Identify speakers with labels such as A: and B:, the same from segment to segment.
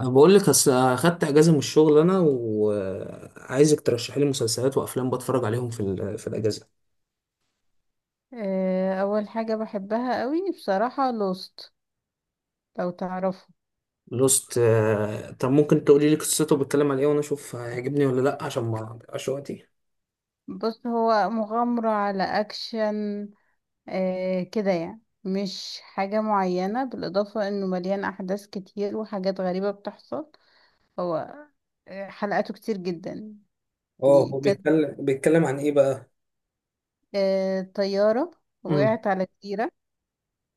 A: أنا بقول لك اصل اخدت اجازه من الشغل انا وعايزك ترشحي لي مسلسلات وافلام بتفرج عليهم في الاجازه.
B: اول حاجة بحبها قوي بصراحة، لوست، لو تعرفه.
A: لوست، آه، طب ممكن تقولي لي قصته بيتكلم عن ايه وانا اشوف هيعجبني ولا لا عشان ما اضيعش وقتي؟
B: بص، هو مغامرة على اكشن. كده يعني، مش حاجة معينة، بالاضافة انه مليان احداث كتير وحاجات غريبة بتحصل. هو، حلقاته كتير جدا.
A: اه،
B: دي
A: هو
B: كانت
A: بيتكلم عن ايه بقى؟
B: طيارة
A: امم.
B: وقعت على جزيرة.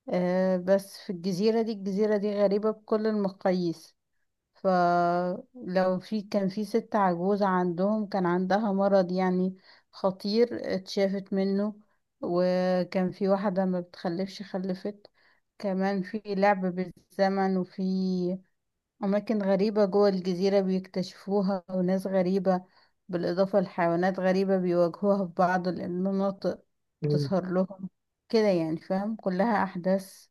B: بس في الجزيرة دي غريبة بكل المقاييس. فلو كان في ست عجوزة عندهم، كان عندها مرض يعني خطير، اتشافت منه. وكان في واحدة ما بتخلفش، خلفت. كمان في لعب بالزمن، وفي أماكن غريبة جوه الجزيرة بيكتشفوها، وناس غريبة بالإضافة لحيوانات غريبة بيواجهوها في بعض المناطق
A: أمم.
B: بتظهر لهم. كده يعني، فاهم، كلها أحداث.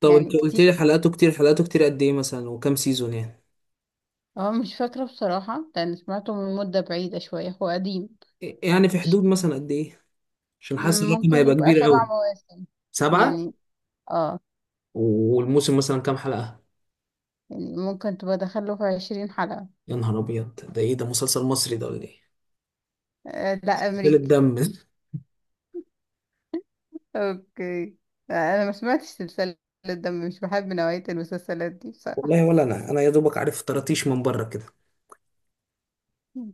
A: طب
B: يعني
A: انت قلت
B: كتير،
A: لي حلقاته كتير، حلقاته كتير قد ايه مثلا وكم سيزون يعني؟
B: اه مش فاكرة بصراحة، لأن سمعته من مدة بعيدة شوية، هو قديم.
A: إيه، يعني في حدود مثلا قد ايه؟ عشان حاسس الرقم
B: ممكن
A: هيبقى
B: يبقى
A: كبير
B: سبع
A: قوي.
B: مواسم
A: سبعة.
B: يعني. اه.
A: والموسم مثلا كام حلقه؟
B: يعني ممكن تبقى دخله في 20 حلقة.
A: يا نهار ابيض، ده ايه ده، مسلسل مصري ده ولا ايه؟
B: آه لا،
A: قلة
B: أمريكي.
A: الدم
B: اوكي. آه، أنا ما سمعتش سلسلة، ده مش بحب نوعية المسلسلات دي
A: والله
B: بصراحة.
A: ولا انا يا دوبك عارف طراطيش من بره كده.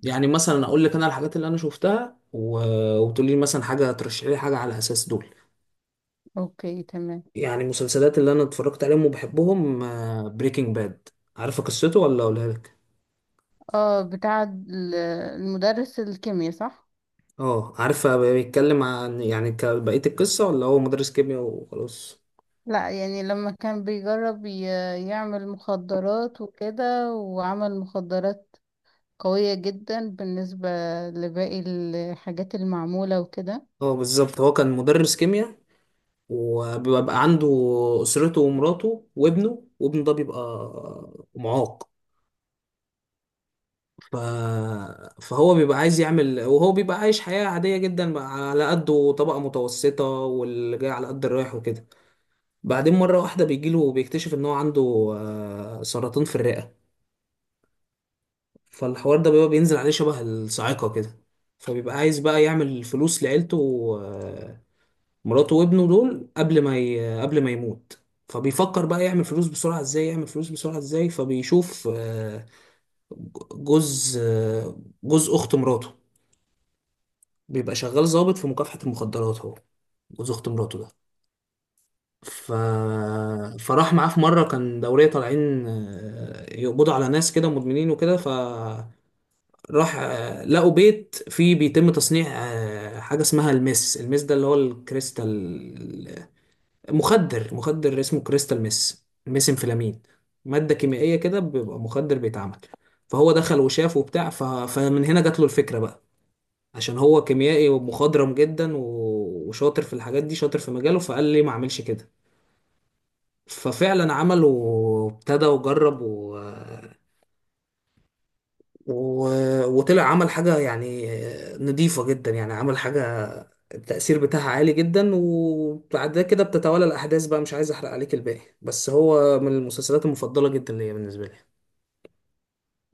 A: يعني مثلا اقول لك انا الحاجات اللي انا شفتها وتقول لي مثلا حاجه، ترشحي لي حاجه على اساس دول.
B: اوكي، تمام.
A: يعني المسلسلات اللي انا اتفرجت عليهم وبحبهم: بريكنج باد. عارفه قصته ولا اقولها لك؟
B: اه، بتاع المدرس الكيمياء، صح؟
A: اه عارفه بيتكلم عن يعني بقيه القصه، ولا هو مدرس كيمياء وخلاص؟
B: لا، يعني لما كان بيجرب يعمل مخدرات وكده، وعمل مخدرات قوية جدا بالنسبة لباقي الحاجات المعمولة وكده.
A: اه بالظبط، هو كان مدرس كيمياء، وبيبقى عنده اسرته ومراته وابنه، وابنه ده بيبقى معاق. ف... فهو بيبقى عايز يعمل، وهو بيبقى عايش حياة عادية جدا، على قده، طبقة متوسطة واللي جاي على قد الرايح وكده. بعدين مرة واحدة بيجيله وبيكتشف إن هو عنده، سرطان في الرئة. فالحوار ده بيبقى بينزل عليه شبه الصاعقة كده. فبيبقى عايز بقى يعمل فلوس لعيلته، آه، مراته وابنه دول، قبل ما يموت. فبيفكر بقى يعمل فلوس بسرعة، ازاي فبيشوف، جوز آه، جوز اخت مراته، بيبقى شغال ضابط في مكافحة المخدرات، هو جوز اخت مراته ده. ف... فراح معاه في مرة كان دورية طالعين، يقبضوا على ناس كده مدمنين وكده، فراح لقوا بيت فيه بيتم تصنيع حاجة اسمها المس ده اللي هو الكريستال. مخدر اسمه كريستال مس، ميس انفلامين، مادة كيميائية كده، بيبقى مخدر بيتعمل. فهو دخل وشاف وبتاع، فمن هنا جات له الفكرة بقى، عشان هو كيميائي ومخضرم جدا و- وشاطر في الحاجات دي، شاطر في مجاله، فقال ليه ما اعملش كده. ففعلا عمل وابتدى وجرب و... وطلع عمل حاجة يعني نضيفة جدا، يعني عمل حاجة التأثير بتاعها عالي جدا، وبعد كده بتتوالى الأحداث بقى. مش عايز أحرق عليك الباقي، بس هو من المسلسلات المفضلة جدا ليا بالنسبة لي.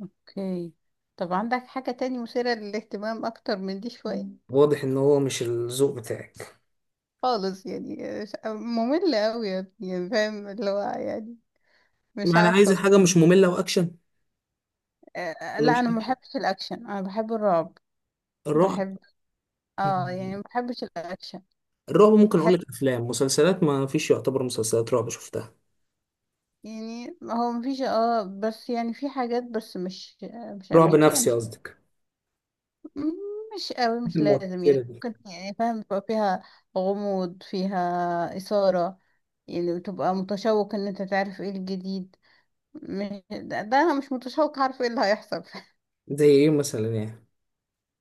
B: اوكي. طب عندك حاجة تاني مثيرة للاهتمام أكتر من دي شوية؟ مم.
A: واضح إن هو مش الذوق بتاعك.
B: خالص يعني. مملة أوي يا ابني، يعني فاهم اللي هو يعني، مش
A: يعني عايز
B: عارفة.
A: حاجة مش مملة وأكشن ولا
B: لا
A: مش
B: أنا ما
A: أكشن؟
B: بحبش الأكشن، أنا بحب الرعب. بحب. اه يعني،
A: الرعب.
B: ما بحبش الأكشن.
A: الرعب ممكن اقول
B: بحب،
A: لك افلام، مسلسلات ما فيش يعتبر مسلسلات رعب شفتها.
B: يعني هو مفيش اه، بس يعني في حاجات، بس مش مش
A: رعب
B: أمريكي أنا.
A: نفسي قصدك؟
B: مم، مش قوي، مش لازم يعني،
A: المؤثرة دي.
B: ممكن يعني فاهم، تبقى فيها غموض، فيها إثارة، يعني تبقى متشوق ان انت تعرف ايه الجديد. مش ده، ده انا مش متشوق عارف ايه اللي هيحصل.
A: زي ايه مثلا يعني؟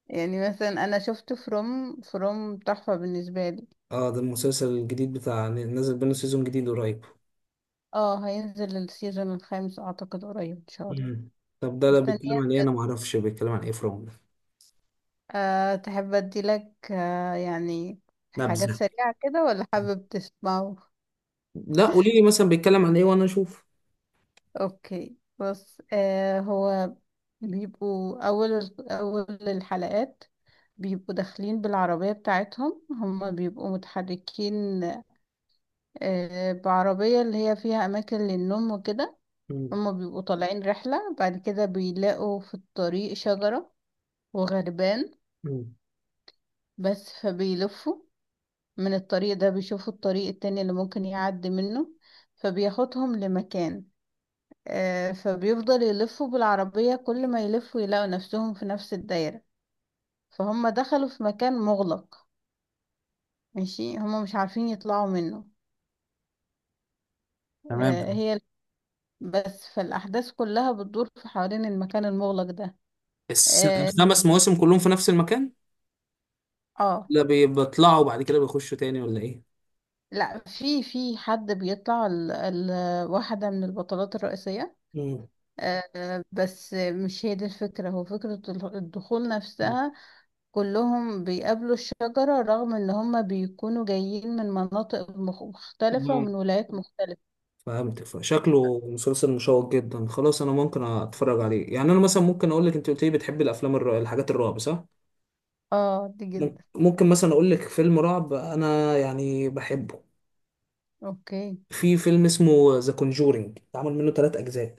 B: يعني مثلا انا شفت فروم، تحفة بالنسبة لي.
A: اه ده المسلسل الجديد بتاع، نازل منه سيزون جديد قريب.
B: اه، هينزل السيزون الخامس اعتقد قريب ان شاء الله.
A: مم. طب ده بيتكلم عن ايه؟
B: مستنياك.
A: انا ما اعرفش بيتكلم عن ايه فروم ده.
B: أه، تحب ادي لك يعني حاجات
A: نبذة.
B: سريعة كده، ولا حابب تسمعه؟
A: لا قولي لي مثلا بيتكلم عن ايه وانا اشوف.
B: اوكي، بص. آه، هو بيبقوا اول اول الحلقات، بيبقوا داخلين بالعربية بتاعتهم، هما بيبقوا متحركين. بعربية اللي هي فيها اماكن للنوم وكده.
A: مم.
B: هما بيبقوا طالعين رحلة، بعد كده بيلاقوا في الطريق شجرة وغربان
A: مم.
B: بس. فبيلفوا من الطريق ده، بيشوفوا الطريق التاني اللي ممكن يعدي منه، فبياخدهم لمكان. فبيفضل يلفوا بالعربية كل ما يلفوا يلاقوا نفسهم في نفس الدايرة. فهم دخلوا في مكان مغلق، ماشي، هم مش عارفين يطلعوا منه.
A: تمام.
B: هي بس. فالأحداث كلها بتدور في حوالين المكان المغلق ده. اه.
A: الخمس مواسم كلهم في نفس المكان؟
B: آه.
A: لا بيطلعوا بعد كده بيخشوا تاني ولا ايه؟
B: لا، في في حد بيطلع، ال واحدة من البطلات الرئيسية. بس مش هي دي الفكرة، هو فكرة الدخول نفسها. كلهم بيقابلوا الشجرة، رغم ان هم بيكونوا جايين من مناطق مختلفة،
A: مم.
B: ومن ولايات مختلفة.
A: فهمتك، فشكله مسلسل مشوق جدا، خلاص انا ممكن اتفرج عليه. يعني انا مثلا ممكن اقول لك، انت قلت لي بتحبي الافلام الحاجات الرعب صح؟
B: اه دي جدا.
A: ممكن مثلا اقول لك فيلم رعب انا يعني بحبه.
B: اوكي.
A: في فيلم اسمه ذا كونجورينج، اتعمل منه ثلاث اجزاء.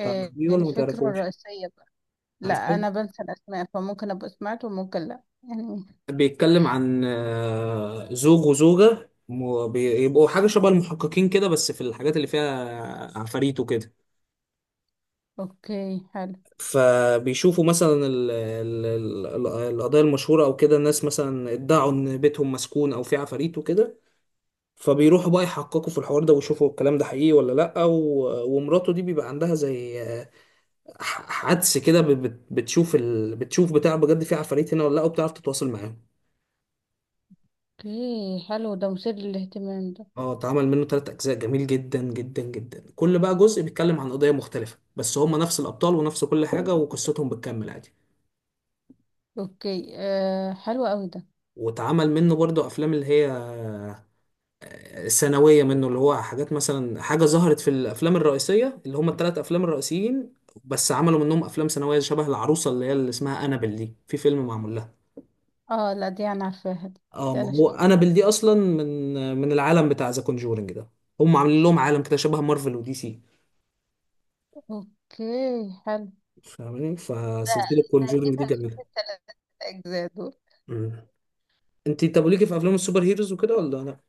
A: تعرفيه ولا ما
B: الفكرة
A: تعرفوش؟
B: الرئيسية بقى. لا، انا
A: عارفين،
B: بنسى الاسماء، فممكن ابقى سمعت وممكن لا، يعني.
A: بيتكلم عن، زوج وزوجة بيبقوا حاجة شبه المحققين كده، بس في الحاجات اللي فيها عفاريت وكده.
B: اوكي، حلو.
A: فبيشوفوا مثلا القضايا المشهورة أو كده، الناس مثلا ادعوا إن بيتهم مسكون أو في عفاريت وكده، فبيروحوا بقى يحققوا في الحوار ده ويشوفوا الكلام ده حقيقي ولا لأ، ومراته دي بيبقى عندها زي، حدس كده، بتشوف بتشوف بتاع بجد، في عفاريت هنا ولا لأ، وبتعرف تتواصل معاهم.
B: اوكي، حلو ده، مثير للاهتمام ده.
A: اه اتعمل منه تلات أجزاء، جميل جدا جدا جدا. كل بقى جزء بيتكلم عن قضية مختلفة، بس هما نفس الأبطال ونفس كل حاجة، وقصتهم بتكمل عادي.
B: اوكي، حلو قوي ده.
A: واتعمل منه برضه أفلام اللي هي ثانوية منه، اللي هو حاجات مثلا حاجة ظهرت في الأفلام الرئيسية، اللي هم الثلاث أفلام الرئيسيين، بس عملوا منهم أفلام ثانوية، شبه العروسة اللي هي اللي اسمها أنابل، دي في فيلم معمول لها.
B: اه لا، دي انا عارفاها دي.
A: اه
B: ده
A: ما
B: انا
A: هو
B: شفتها.
A: أنابل دي أصلا من العالم بتاع ذا كونجورنج ده. هم عاملين لهم عالم كده شبه مارفل ودي سي.
B: اوكي، حلو
A: فاهمني،
B: ده.
A: فسلسلة
B: انا اكيد
A: كونجورنج دي
B: هشوف
A: جميلة.
B: الثلاث اجزاء دول.
A: مم. انت طب ليكي في أفلام السوبر هيروز وكده ولا لا؟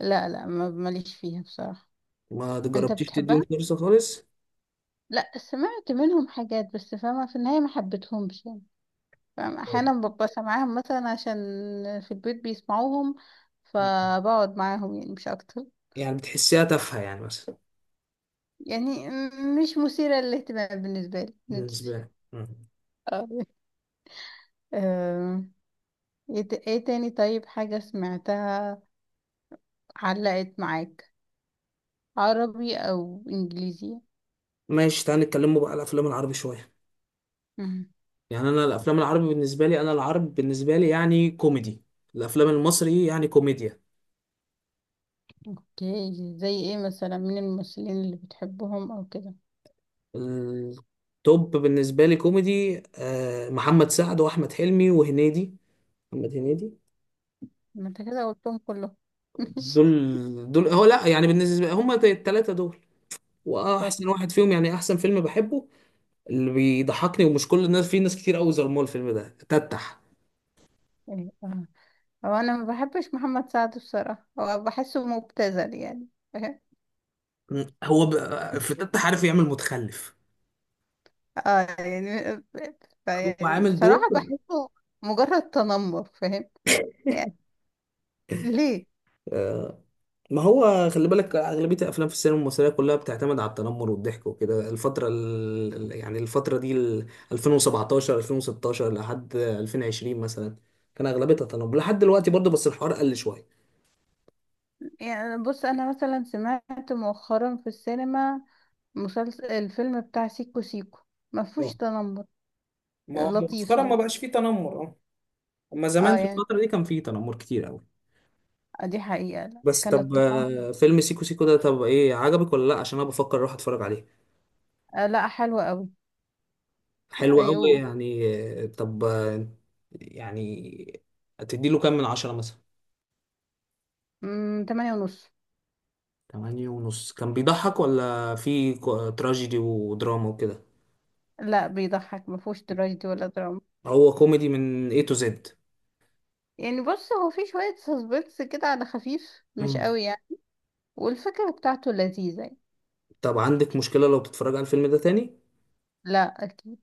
B: لا، ماليش فيها بصراحة.
A: ما
B: انت
A: جربتيش تديهم
B: بتحبها؟
A: فرصة خالص؟
B: لا سمعت منهم حاجات، بس فاهمة في النهاية ما حبيتهمش يعني. فاهمة، احيانا ببقى سامعاهم مثلا عشان في البيت بيسمعوهم،
A: مم.
B: فبقعد معاهم يعني، مش اكتر.
A: يعني بتحسيها تافهة يعني مثلا؟
B: يعني مش مثيرة للاهتمام بالنسبة لي،
A: بالنسبة
B: مش-
A: لك. مم.
B: اه. آم، ايه إيه تاني؟ طيب حاجة سمعتها علقت معاك، عربي او انجليزي؟
A: ماشي، تعالى نتكلموا بقى على الافلام العربي شويه.
B: مم.
A: يعني انا الافلام العربي بالنسبه لي، انا العرب بالنسبه لي يعني كوميدي، الافلام المصري يعني كوميديا.
B: اوكي، زي ايه مثلا من الممثلين اللي بتحبهم او كده؟
A: التوب بالنسبه لي كوميدي، محمد سعد، واحمد حلمي، وهنيدي، محمد هنيدي.
B: ما انت كده قلتهم كلهم.
A: دول هو لا، يعني بالنسبه هم الثلاثه دول، واحسن
B: ماشي.
A: واحد فيهم يعني احسن فيلم بحبه، اللي بيضحكني ومش كل الناس، في ناس كتير قوي ظلموه، الفيلم ده تتح.
B: إيه، اه، هو انا ما بحبش محمد سعد بصراحة، هو بحسه مبتذل يعني.
A: هو في تتح عارف يعمل متخلف،
B: اه يعني
A: هو
B: يعني
A: عامل
B: بصراحة
A: دور.
B: بحسه مجرد تنمر، فاهم يعني، ليه.
A: آه، ما هو خلي بالك، أغلبية الأفلام في السينما المصرية كلها بتعتمد على التنمر والضحك وكده. الفترة دي، ال 2017 2016 لحد 2020 مثلا، كان أغلبيتها تنمر، لحد دلوقتي برضه بس الحوار قل شوية.
B: يعني بص، انا مثلا سمعت مؤخرا في السينما مسلسل الفيلم بتاع سيكو سيكو، ما
A: آه.
B: فيهوش تنمر،
A: ما هو
B: لطيف
A: مؤخرا ما
B: يعني.
A: بقاش فيه تنمر، اه. أما زمان
B: اه
A: في
B: يعني،
A: الفترة دي كان فيه تنمر كتير قوي.
B: دي حقيقة، لا
A: بس
B: كان
A: طب،
B: التنمر.
A: فيلم سيكو سيكو ده طب إيه، عجبك ولا لأ؟ عشان أنا بفكر أروح أتفرج عليه.
B: آه لا، حلو قوي. لا
A: حلو
B: إيه،
A: قوي يعني؟ طب، يعني هتديله كام من 10 مثلا؟
B: مم، 8.5.
A: تمانية ونص؟ كان بيضحك ولا في تراجيدي ودراما وكده؟
B: لا بيضحك، ما فيهوش تراجيدي ولا دراما.
A: هو كوميدي من A to Z.
B: يعني بص، هو في شوية سسبنس كده على خفيف، مش
A: مم.
B: قوي يعني. والفكرة بتاعته لذيذة يعني.
A: طب عندك مشكلة لو تتفرج على الفيلم ده تاني؟
B: لا أكيد.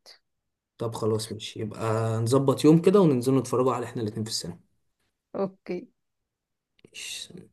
A: طب خلاص ماشي، يبقى نظبط يوم كده وننزل نتفرجوا، على احنا الاتنين في السينما.
B: أوكي.
A: ماشي.